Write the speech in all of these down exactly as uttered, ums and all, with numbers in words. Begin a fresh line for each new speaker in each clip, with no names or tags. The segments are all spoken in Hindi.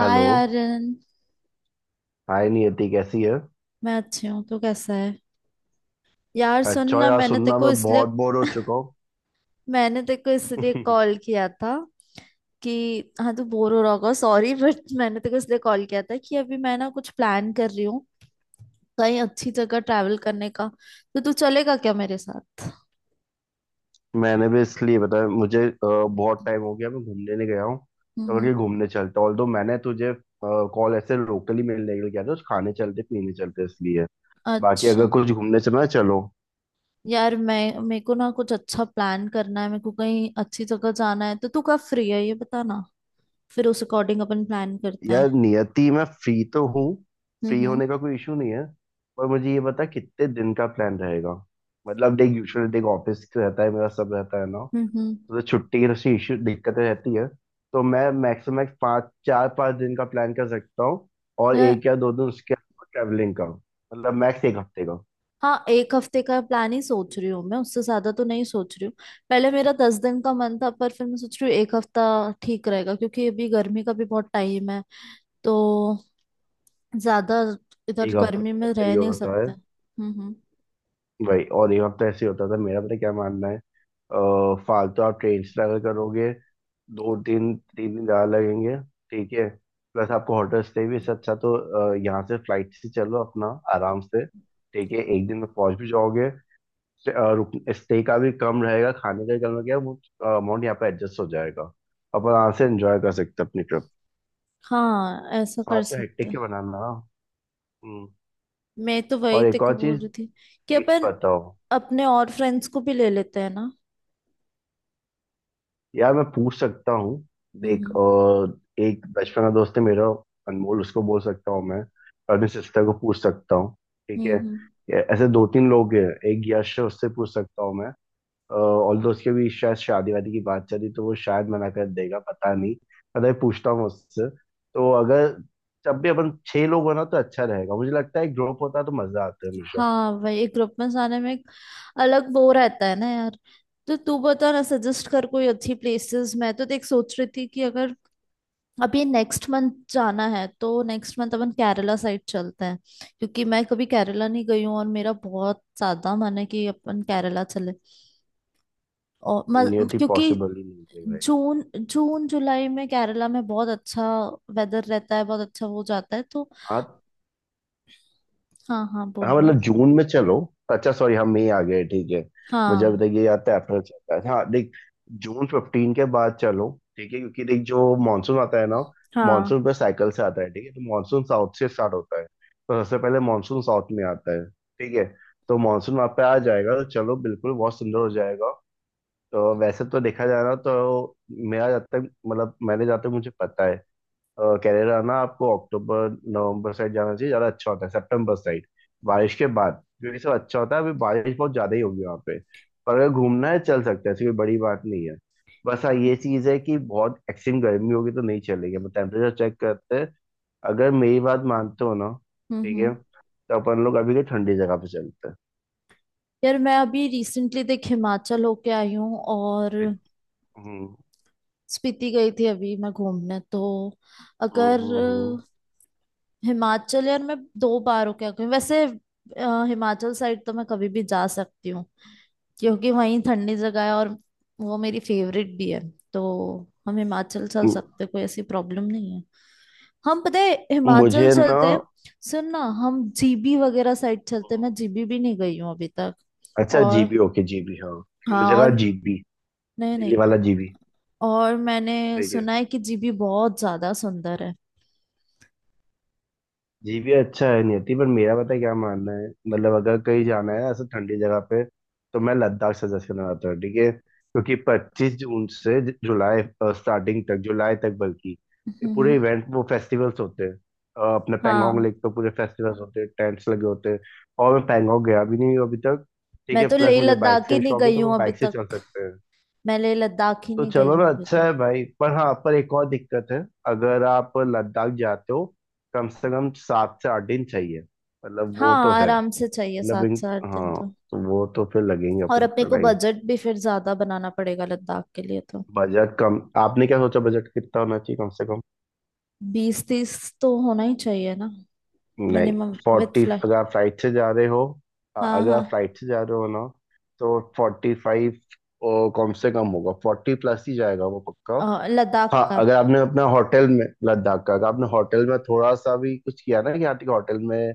हेलो।
आर्यन।
हाय नियति, कैसी है?
मैं अच्छी हूँ, तू कैसा है? यार सुन
अच्छा
ना,
यार,
मैंने तेरे
सुनना,
को
मैं
इसलिए
बहुत बोर हो चुका
मैंने तेरे को इसलिए
हूँ।
कॉल किया था कि हाँ तू बोर हो रहा होगा, सॉरी बट मैंने तेरे को इसलिए कॉल किया था कि अभी मैं ना कुछ प्लान कर रही हूँ कहीं अच्छी जगह ट्रैवल करने का। तो तू चलेगा क्या मेरे साथ?
मैंने भी इसलिए बताया, मुझे अ, बहुत टाइम हो गया मैं घूमने नहीं गया हूँ। तो अगर
हम्म।
ये घूमने चलते, ऑल्दो मैंने तुझे कॉल ऐसे लोकली मिलने के लिए किया था, कुछ खाने चलते पीने चलते, इसलिए। बाकी
अच्छा,
अगर कुछ घूमने चलना है चलो।
यार मैं मेरे को ना कुछ अच्छा प्लान करना है, मेरे को कहीं अच्छी जगह जाना है, तो तू कब फ्री है ये बता ना, फिर उस अकॉर्डिंग अपन प्लान करते हैं।
यार नियति, मैं फ्री तो हूँ। फ्री
हम्म
होने का कोई इशू नहीं है। पर मुझे ये बता कितने दिन का प्लान रहेगा। मतलब देख, यूजुअली देख ऑफिस रहता है, मेरा सब रहता है ना।
हम्म हम्म।
तो छुट्टी की सी इश्यू दिक्कतें रहती है। तो मैं मैक्सिमम पाँच चार पाँच दिन का प्लान कर सकता हूँ। और
यार,
एक या दो दिन उसके अलावा ट्रैवलिंग का, मतलब मैक्स एक हफ्ते का।
हाँ, एक हफ्ते का प्लान ही सोच रही हूँ मैं, उससे ज्यादा तो नहीं सोच रही हूँ। पहले मेरा दस दिन का मन था, पर फिर मैं सोच रही हूँ एक हफ्ता ठीक रहेगा क्योंकि अभी गर्मी का भी बहुत टाइम है, तो ज्यादा इधर
एक हफ्ते
गर्मी
का
में
सही
रह नहीं
होता है
सकते। हम्म हम्म।
भाई। और एक हफ्ता ऐसे ही होता था मेरा। पता है क्या मानना है? अ, फालतू आप ट्रेन से ट्रैवल करोगे, दो दिन तीन दिन ज़्यादा लगेंगे। ठीक है। प्लस आपको होटल स्टे भी। इससे अच्छा तो अ, यहाँ से फ्लाइट से चलो अपना, आराम से, ठीक है, एक दिन में पहुंच भी जाओगे। स्टे का भी कम रहेगा, खाने का भी कम रहेगा, वो अमाउंट यहाँ पे एडजस्ट हो जाएगा। अपन यहाँ से एंजॉय कर सकते हैं अपनी ट्रिप।
हाँ, ऐसा
साथ
कर
तो
सकते
हेक्टिक के
हैं।
बनाना। हम्म।
मैं तो वही
और
तेरे
एक
को
और
बोल
चीज,
रही थी कि
डेट्स
अपन
बताओ।
अपने और फ्रेंड्स को भी ले लेते हैं ना।
यार मैं पूछ सकता हूँ।
हम्म
देख
हम्म
अ, एक बचपन का दोस्त है मेरा, अनमोल, उसको बोल सकता हूँ मैं। और अपनी सिस्टर को पूछ सकता हूँ। ठीक
हम्म हम्म।
है, ऐसे दो तीन लोग हैं। एक यश है, उससे पूछ सकता हूँ मैं। और दोस्त के भी शायद शादी वादी की बात चली तो वो शायद मना कर देगा, पता नहीं। पता नहीं, पूछता हूँ उससे। तो अगर जब भी अपन छह लोग हो ना तो अच्छा रहेगा, मुझे लगता है ग्रुप होता तो मजा आता है हमेशा।
हाँ, वही ग्रुप में जाने में एक अलग वो रहता है ना यार। तो तू बता ना, सजेस्ट कर कोई अच्छी प्लेसेस। मैं तो देख सोच रही थी कि अगर अभी नेक्स्ट मंथ जाना है तो नेक्स्ट मंथ अपन केरला साइड चलते हैं, क्योंकि मैं कभी केरला नहीं गई हूँ और मेरा बहुत ज्यादा मन है कि अपन केरला चले। और
ये
म-
थी
क्योंकि
पॉसिबल ही नहीं है भाई।
जून जून जुलाई में केरला में बहुत अच्छा वेदर रहता है, बहुत अच्छा हो जाता है तो।
हाँ
हाँ हाँ, बोल
हाँ,
बोल।
मतलब जून में चलो। अच्छा सॉरी, हम मई आ गए, ठीक है। मुझे अब
हाँ
तक ये याद था अप्रैल चलता है। हाँ देख, जून फिफ्टीन के बाद चलो। ठीक है, क्योंकि देख जो मानसून आता है ना,
हाँ।
मानसून पर साइकिल से आता है। ठीक है, तो मानसून साउथ से स्टार्ट होता है, तो सबसे पहले मानसून साउथ में आता है। ठीक है, तो मानसून वहाँ पे आ जाएगा तो चलो बिल्कुल बहुत सुंदर हो जाएगा। तो वैसे तो देखा जाए ना तो, मेरा जब तक मतलब मैंने जहाँ तक मुझे पता है, केरला ना आपको अक्टूबर नवंबर साइड जाना चाहिए, ज़्यादा अच्छा होता है सितंबर साइड, बारिश के बाद, क्योंकि सब अच्छा होता है। अभी बारिश बहुत ज़्यादा ही होगी वहाँ पे। पर अगर घूमना है चल सकते हैं, ऐसी कोई बड़ी बात नहीं है। बस हाँ ये चीज़ है कि बहुत एक्सट्रीम गर्मी होगी तो नहीं चलेगी, मतलब टेम्परेचर चेक करते हैं। अगर मेरी बात मानते हो ना,
हम्म
ठीक
हम्म।
है, तो अपन लोग अभी के ठंडी जगह पे चलते हैं।
यार, मैं अभी रिसेंटली देख हिमाचल होके आई हूँ और
फिर- हम्म
स्पीति गई थी अभी मैं घूमने। तो
हम्म
अगर
हम्म,
अ, हिमाचल, यार मैं दो बार होके आई हूँ वैसे। अ, हिमाचल साइड तो मैं कभी भी जा सकती हूँ क्योंकि वहीं ठंडी जगह है, और वो मेरी फेवरेट भी है, तो हम हिमाचल चल
हम्म।
सकते हैं, कोई ऐसी प्रॉब्लम नहीं है। हम, पता है, हिमाचल
मुझे ना,
चलते हैं। सुन ना, हम जीबी वगैरह साइड चलते हैं, मैं जीबी भी नहीं गई हूँ अभी तक।
अच्छा
और
जीबी, ओके जीबी हाँ।
हाँ,
मुझे लगा
और
जीबी
नहीं नहीं,
दिल्ली वाला जीबी।
और मैंने
देखिए,
सुना है कि जीबी बहुत ज्यादा सुंदर है।
जीपी अच्छा है नहीं होती, पर मेरा पता है क्या मानना है? मतलब अगर कहीं जाना है ऐसे ठंडी जगह पे, तो मैं लद्दाख सजेस्ट करना चाहता हूँ। ठीक है, क्योंकि पच्चीस जून से ज- जुलाई स्टार्टिंग तक, जुलाई तक बल्कि, ये पूरे
हम्म।
इवेंट वो फेस्टिवल्स होते हैं। अ, अपने पैंगोंग
हाँ,
लेक पे पूरे फेस्टिवल्स होते हैं, टेंट्स लगे होते हैं। और मैं पैंगोंग गया भी नहीं हूँ अभी तक। ठीक
मैं
है,
तो
प्लस
लेह
मुझे बाइक
लद्दाख ही
से
नहीं
शौक है
गई
तो मैं
हूँ अभी
बाइक से चल
तक।
सकते हैं।
मैं लेह लद्दाख ही
तो
नहीं गई
चलो
हूँ
ना,
अभी
अच्छा
तक।
है भाई। पर हाँ, पर एक और दिक्कत है। अगर आप लद्दाख जाते हो, कम से कम सात से आठ दिन चाहिए। मतलब वो तो
हाँ,
है।
आराम से चाहिए
मतलब
सात
इन-
से आठ दिन
हाँ,
तो।
तो वो तो फिर लगेंगे
और
अपन
अपने
का
को
टाइम।
बजट भी फिर ज्यादा बनाना पड़ेगा लद्दाख के लिए, तो
बजट कम, आपने क्या सोचा बजट कितना होना चाहिए कम से कम?
बीस तीस तो होना ही चाहिए ना,
नहीं,
मिनिमम विथ
फोर्टी,
फ्लाइट।
अगर आप फ्लाइट से जा रहे हो, अ-
हाँ
अगर
हाँ।
आप फ्लाइट से जा रहे हो ना तो फोर्टी फाइव कम से कम होगा, फोर्टी प्लस ही जाएगा वो पक्का।
अ, लद्दाख
हाँ,
का।
अगर आपने अपना होटल में लद्दाख का, अगर आपने होटल में थोड़ा सा भी कुछ किया ना कि यहाँ ठीक होटल में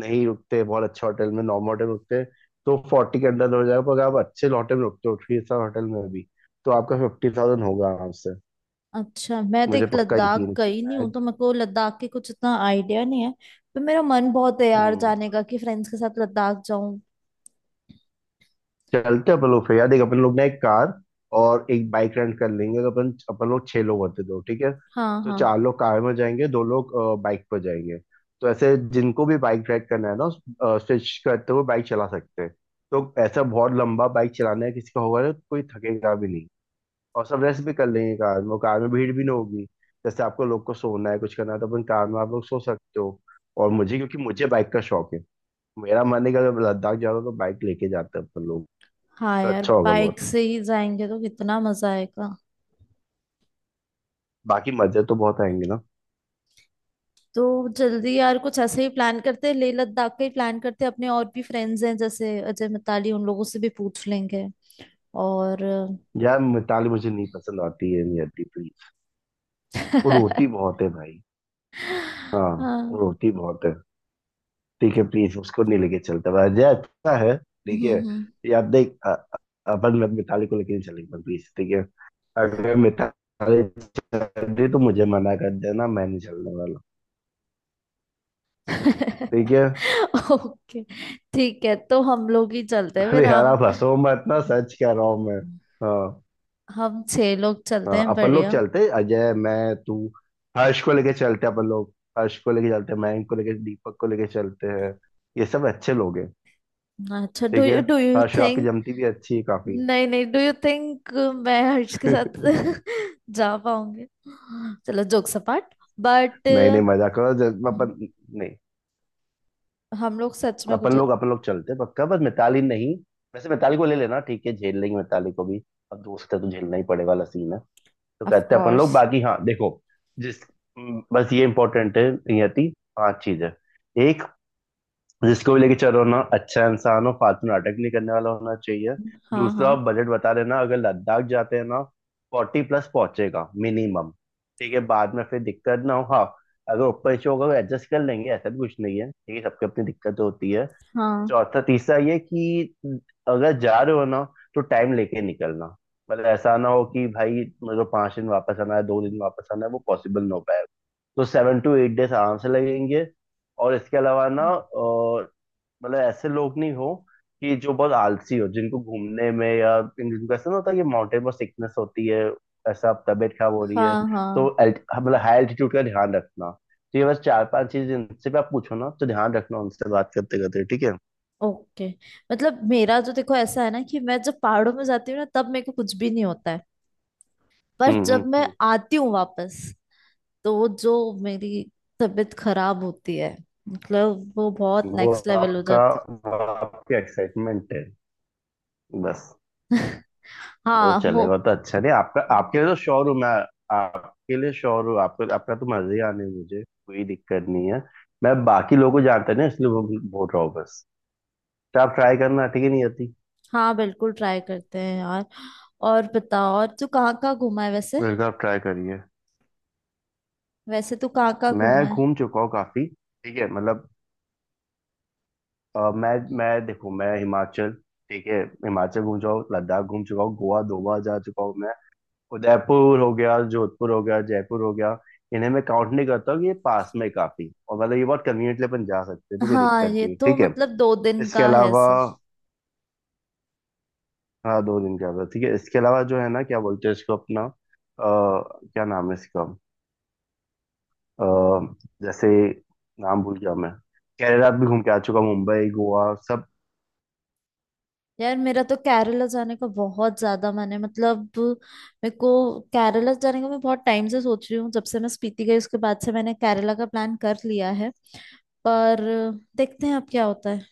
नहीं रुकते, बहुत अच्छे होटल में, नॉर्मल होटल में रुकते, तो फोर्टी के अंदर हो जाएगा। पर अगर आप अच्छे होटल में रुकते हो, थ्री स्टार होटल में भी, तो आपका फिफ्टी थाउजेंड होगा आराम से।
अच्छा, मैं तो
मुझे
एक
पक्का
लद्दाख
यकीन है कि
गई नहीं
मैं।
हूँ, तो मेरे को लद्दाख के कुछ इतना आइडिया नहीं है, पर मेरा मन बहुत है यार
हम्म,
जाने का कि फ्रेंड्स के साथ लद्दाख जाऊं।
चलते अपन लोग फिर यार। देख अपन लोग ना एक कार और एक बाइक रेंट कर लेंगे, तो अपन अपन लोग छह लोग होते दो, ठीक है,
हाँ
तो
हाँ।
चार लोग कार में जाएंगे, दो लोग बाइक पर जाएंगे। तो ऐसे जिनको भी बाइक राइड करना है ना, स्विच करते हुए बाइक चला सकते हैं। तो ऐसा बहुत लंबा बाइक चलाना है किसी का होगा ना तो कोई थकेगा भी नहीं, और सब रेस्ट भी कर लेंगे कार में, और कार में भीड़ भी ना होगी। जैसे आपको लोग को सोना है कुछ करना है तो अपन कार में आप लोग सो सकते हो। और मुझे क्योंकि मुझे बाइक का शौक है, मेरा मन है कि अगर लद्दाख जा रहा हूँ तो बाइक लेके जाते हैं अपन लोग,
हाँ
तो
यार,
अच्छा होगा
बाइक
बहुत।
से ही जाएंगे तो कितना मजा आएगा।
बाकी मजे तो बहुत आएंगे ना।
तो जल्दी यार, कुछ ऐसे ही प्लान करते हैं, लेह लद्दाख का ही प्लान करते हैं। अपने और भी फ्रेंड्स हैं जैसे अजय, मिताली, उन लोगों से भी पूछ लेंगे। और
यार मिताली मुझे नहीं पसंद आती है, नहीं आती, प्लीज। वो रोती बहुत है भाई। हाँ, वो
हाँ।
रोती बहुत है। ठीक है, प्लीज उसको नहीं लेके चलता भाई। अजय अच्छा है ठीक है।
हम्म।
यार देख अ- अ- अपन मत मिताली को लेके नहीं चलेंगे, प्लीज, ठीक है। अगर मिताली चल रही तो मुझे मना कर देना, मैं नहीं चलने वाला, ठीक है।
ओके, ठीक है, तो हम लोग ही चलते हैं फिर।
अरे यार
हम
आप हंसो मत ना, सच कह रहा हूँ मैं। हाँ।
हम छह लोग चलते
हाँ,
हैं,
अपन लोग
बढ़िया।
चलते, अजय मैं तू, हर्ष को लेके चलते अपन लोग। हर्ष को लेके चलते हैं, मयंक को लेके, दीपक को लेके चलते हैं। ये सब अच्छे लोग हैं।
अच्छा, डू
ठीक है,
यू डू यू
हर्ष आपकी
थिंक?
जमती भी अच्छी है काफी।
नहीं नहीं, डू यू थिंक मैं हर्ष के साथ
नहीं
जा पाऊंगी? चलो जोक सपाट, बट
नहीं, मजा करो जब अपन। नहीं,
हम लोग सच में
अपन
कुछ।
लोग अपन लोग चलते हैं पक्का, बस मिताली नहीं। वैसे मिताली को ले लेना ठीक है, झेल लेंगे मिताली को भी, अब दोस्त है तो झेलना ही पड़ेगा वाला सीन है। तो
ऑफ
कहते हैं अपन लोग
कोर्स।
बाकी। हाँ देखो, जिस, बस ये इंपॉर्टेंट है नियति। पांच चीजें। एक, जिसको भी लेके चलो ना अच्छा इंसान हो, फालतू नाटक नहीं करने वाला होना चाहिए।
हाँ
दूसरा,
हाँ
आप बजट बता देना, अगर लद्दाख जाते हैं ना, फोर्टी प्लस पहुंचेगा मिनिमम, ठीक है, बाद में फिर दिक्कत ना हो। हाँ, अगर ऊपर नीचे होगा तो एडजस्ट कर लेंगे, ऐसा भी कुछ नहीं है, ठीक है, सबकी अपनी दिक्कत होती है।
हाँ
चौथा, तीसरा ये कि अगर जा रहे हो ना तो टाइम लेके निकलना, मतलब ऐसा ना हो कि भाई, मतलब पांच दिन वापस आना है, दो दिन वापस आना है, वो पॉसिबल ना हो पाएगा। तो सेवन टू एट डेज आराम से लगेंगे। और इसके अलावा ना अ, मतलब ऐसे लोग नहीं हो कि जो बहुत आलसी हो, जिनको घूमने में या जिनको ऐसा ना होता है कि माउंटेन पर सिकनेस होती है, ऐसा अब तबीयत खराब हो रही
हाँ
है। तो
हाँ,
alt- मतलब हाई एल्टीट्यूड का ध्यान रखना। तो ये बस चार पांच चीज, इनसे भी आप पूछो ना तो ध्यान रखना, उनसे बात करते करते, ठीक है।
ओके। मतलब मेरा तो देखो, ऐसा है ना कि मैं जब पहाड़ों में जाती हूँ ना, तब मेरे को कुछ भी नहीं होता है। पर
हम्म हम्म
जब मैं
हम्म।
आती हूँ वापस, तो वो जो मेरी तबीयत खराब होती है, मतलब वो बहुत
वो
नेक्स्ट लेवल हो
आपका,
जाती
वो आपकी एक्साइटमेंट है बस।
है।
वो तो
हाँ हो।
चलेगा तो अच्छा, नहीं आपका, आपके लिए तो श्योर हूँ मैं। आपके लिए श्योर हूँ, आपको आपका तो मजे ही आने हैं, मुझे कोई दिक्कत नहीं है। मैं बाकी लोगों को जानता है ना, इसलिए वो बोल रहा हूँ बस। तो आप ट्राई करना ठीक है, नहीं आती।
हाँ, बिल्कुल ट्राई करते हैं यार। और बताओ, और तू कहाँ कहाँ घूमा है वैसे?
बिल्कुल आप ट्राई करिए।
वैसे तू कहाँ कहाँ घूमा
मैं
है?
घूम चुका हूँ काफी, ठीक है मतलब अ, मैं मैं देखो, मैं हिमाचल, ठीक है, हिमाचल घूम चुका हूँ, लद्दाख घूम चुका हूँ, गोवा दो बार जा चुका हूँ मैं, उदयपुर हो गया, जोधपुर हो गया, जयपुर हो गया। इन्हें मैं काउंट नहीं करता हूँ कि ये पास में काफी और मतलब ये बहुत कन्वीनियंटली अपन जा सकते हैं, तो कोई
हाँ,
दिक्कत
ये
नहीं है,
तो
ठीक है।
मतलब दो दिन
इसके
का है
अलावा,
सर।
हाँ दो दिन का था ठीक है। इसके अलावा जो है ना क्या बोलते हैं इसको अपना अ, क्या नाम है इसका? अ, जैसे नाम भूल गया मैं। केरला भी घूम के आ चुका हूँ, मुंबई गोवा सब।
यार, मेरा तो केरला जाने का बहुत ज्यादा मन है, मतलब मेरे को केरला जाने का मैं बहुत टाइम से सोच रही हूँ। जब से मैं स्पीति गई, उसके बाद से मैंने केरला का प्लान कर लिया है, पर देखते हैं अब क्या होता है।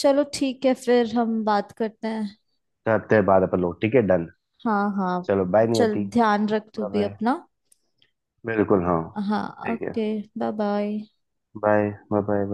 चलो ठीक है, फिर हम बात करते हैं।
करते हैं बाद अपन लोग, ठीक है डन।
हाँ हाँ।
चलो बाय
चल,
नियति।
ध्यान रख तू
बाय
भी
बाय।
अपना।
बिल्कुल हाँ,
हाँ,
ठीक है,
okay. Bye bye.
Bye bye bye.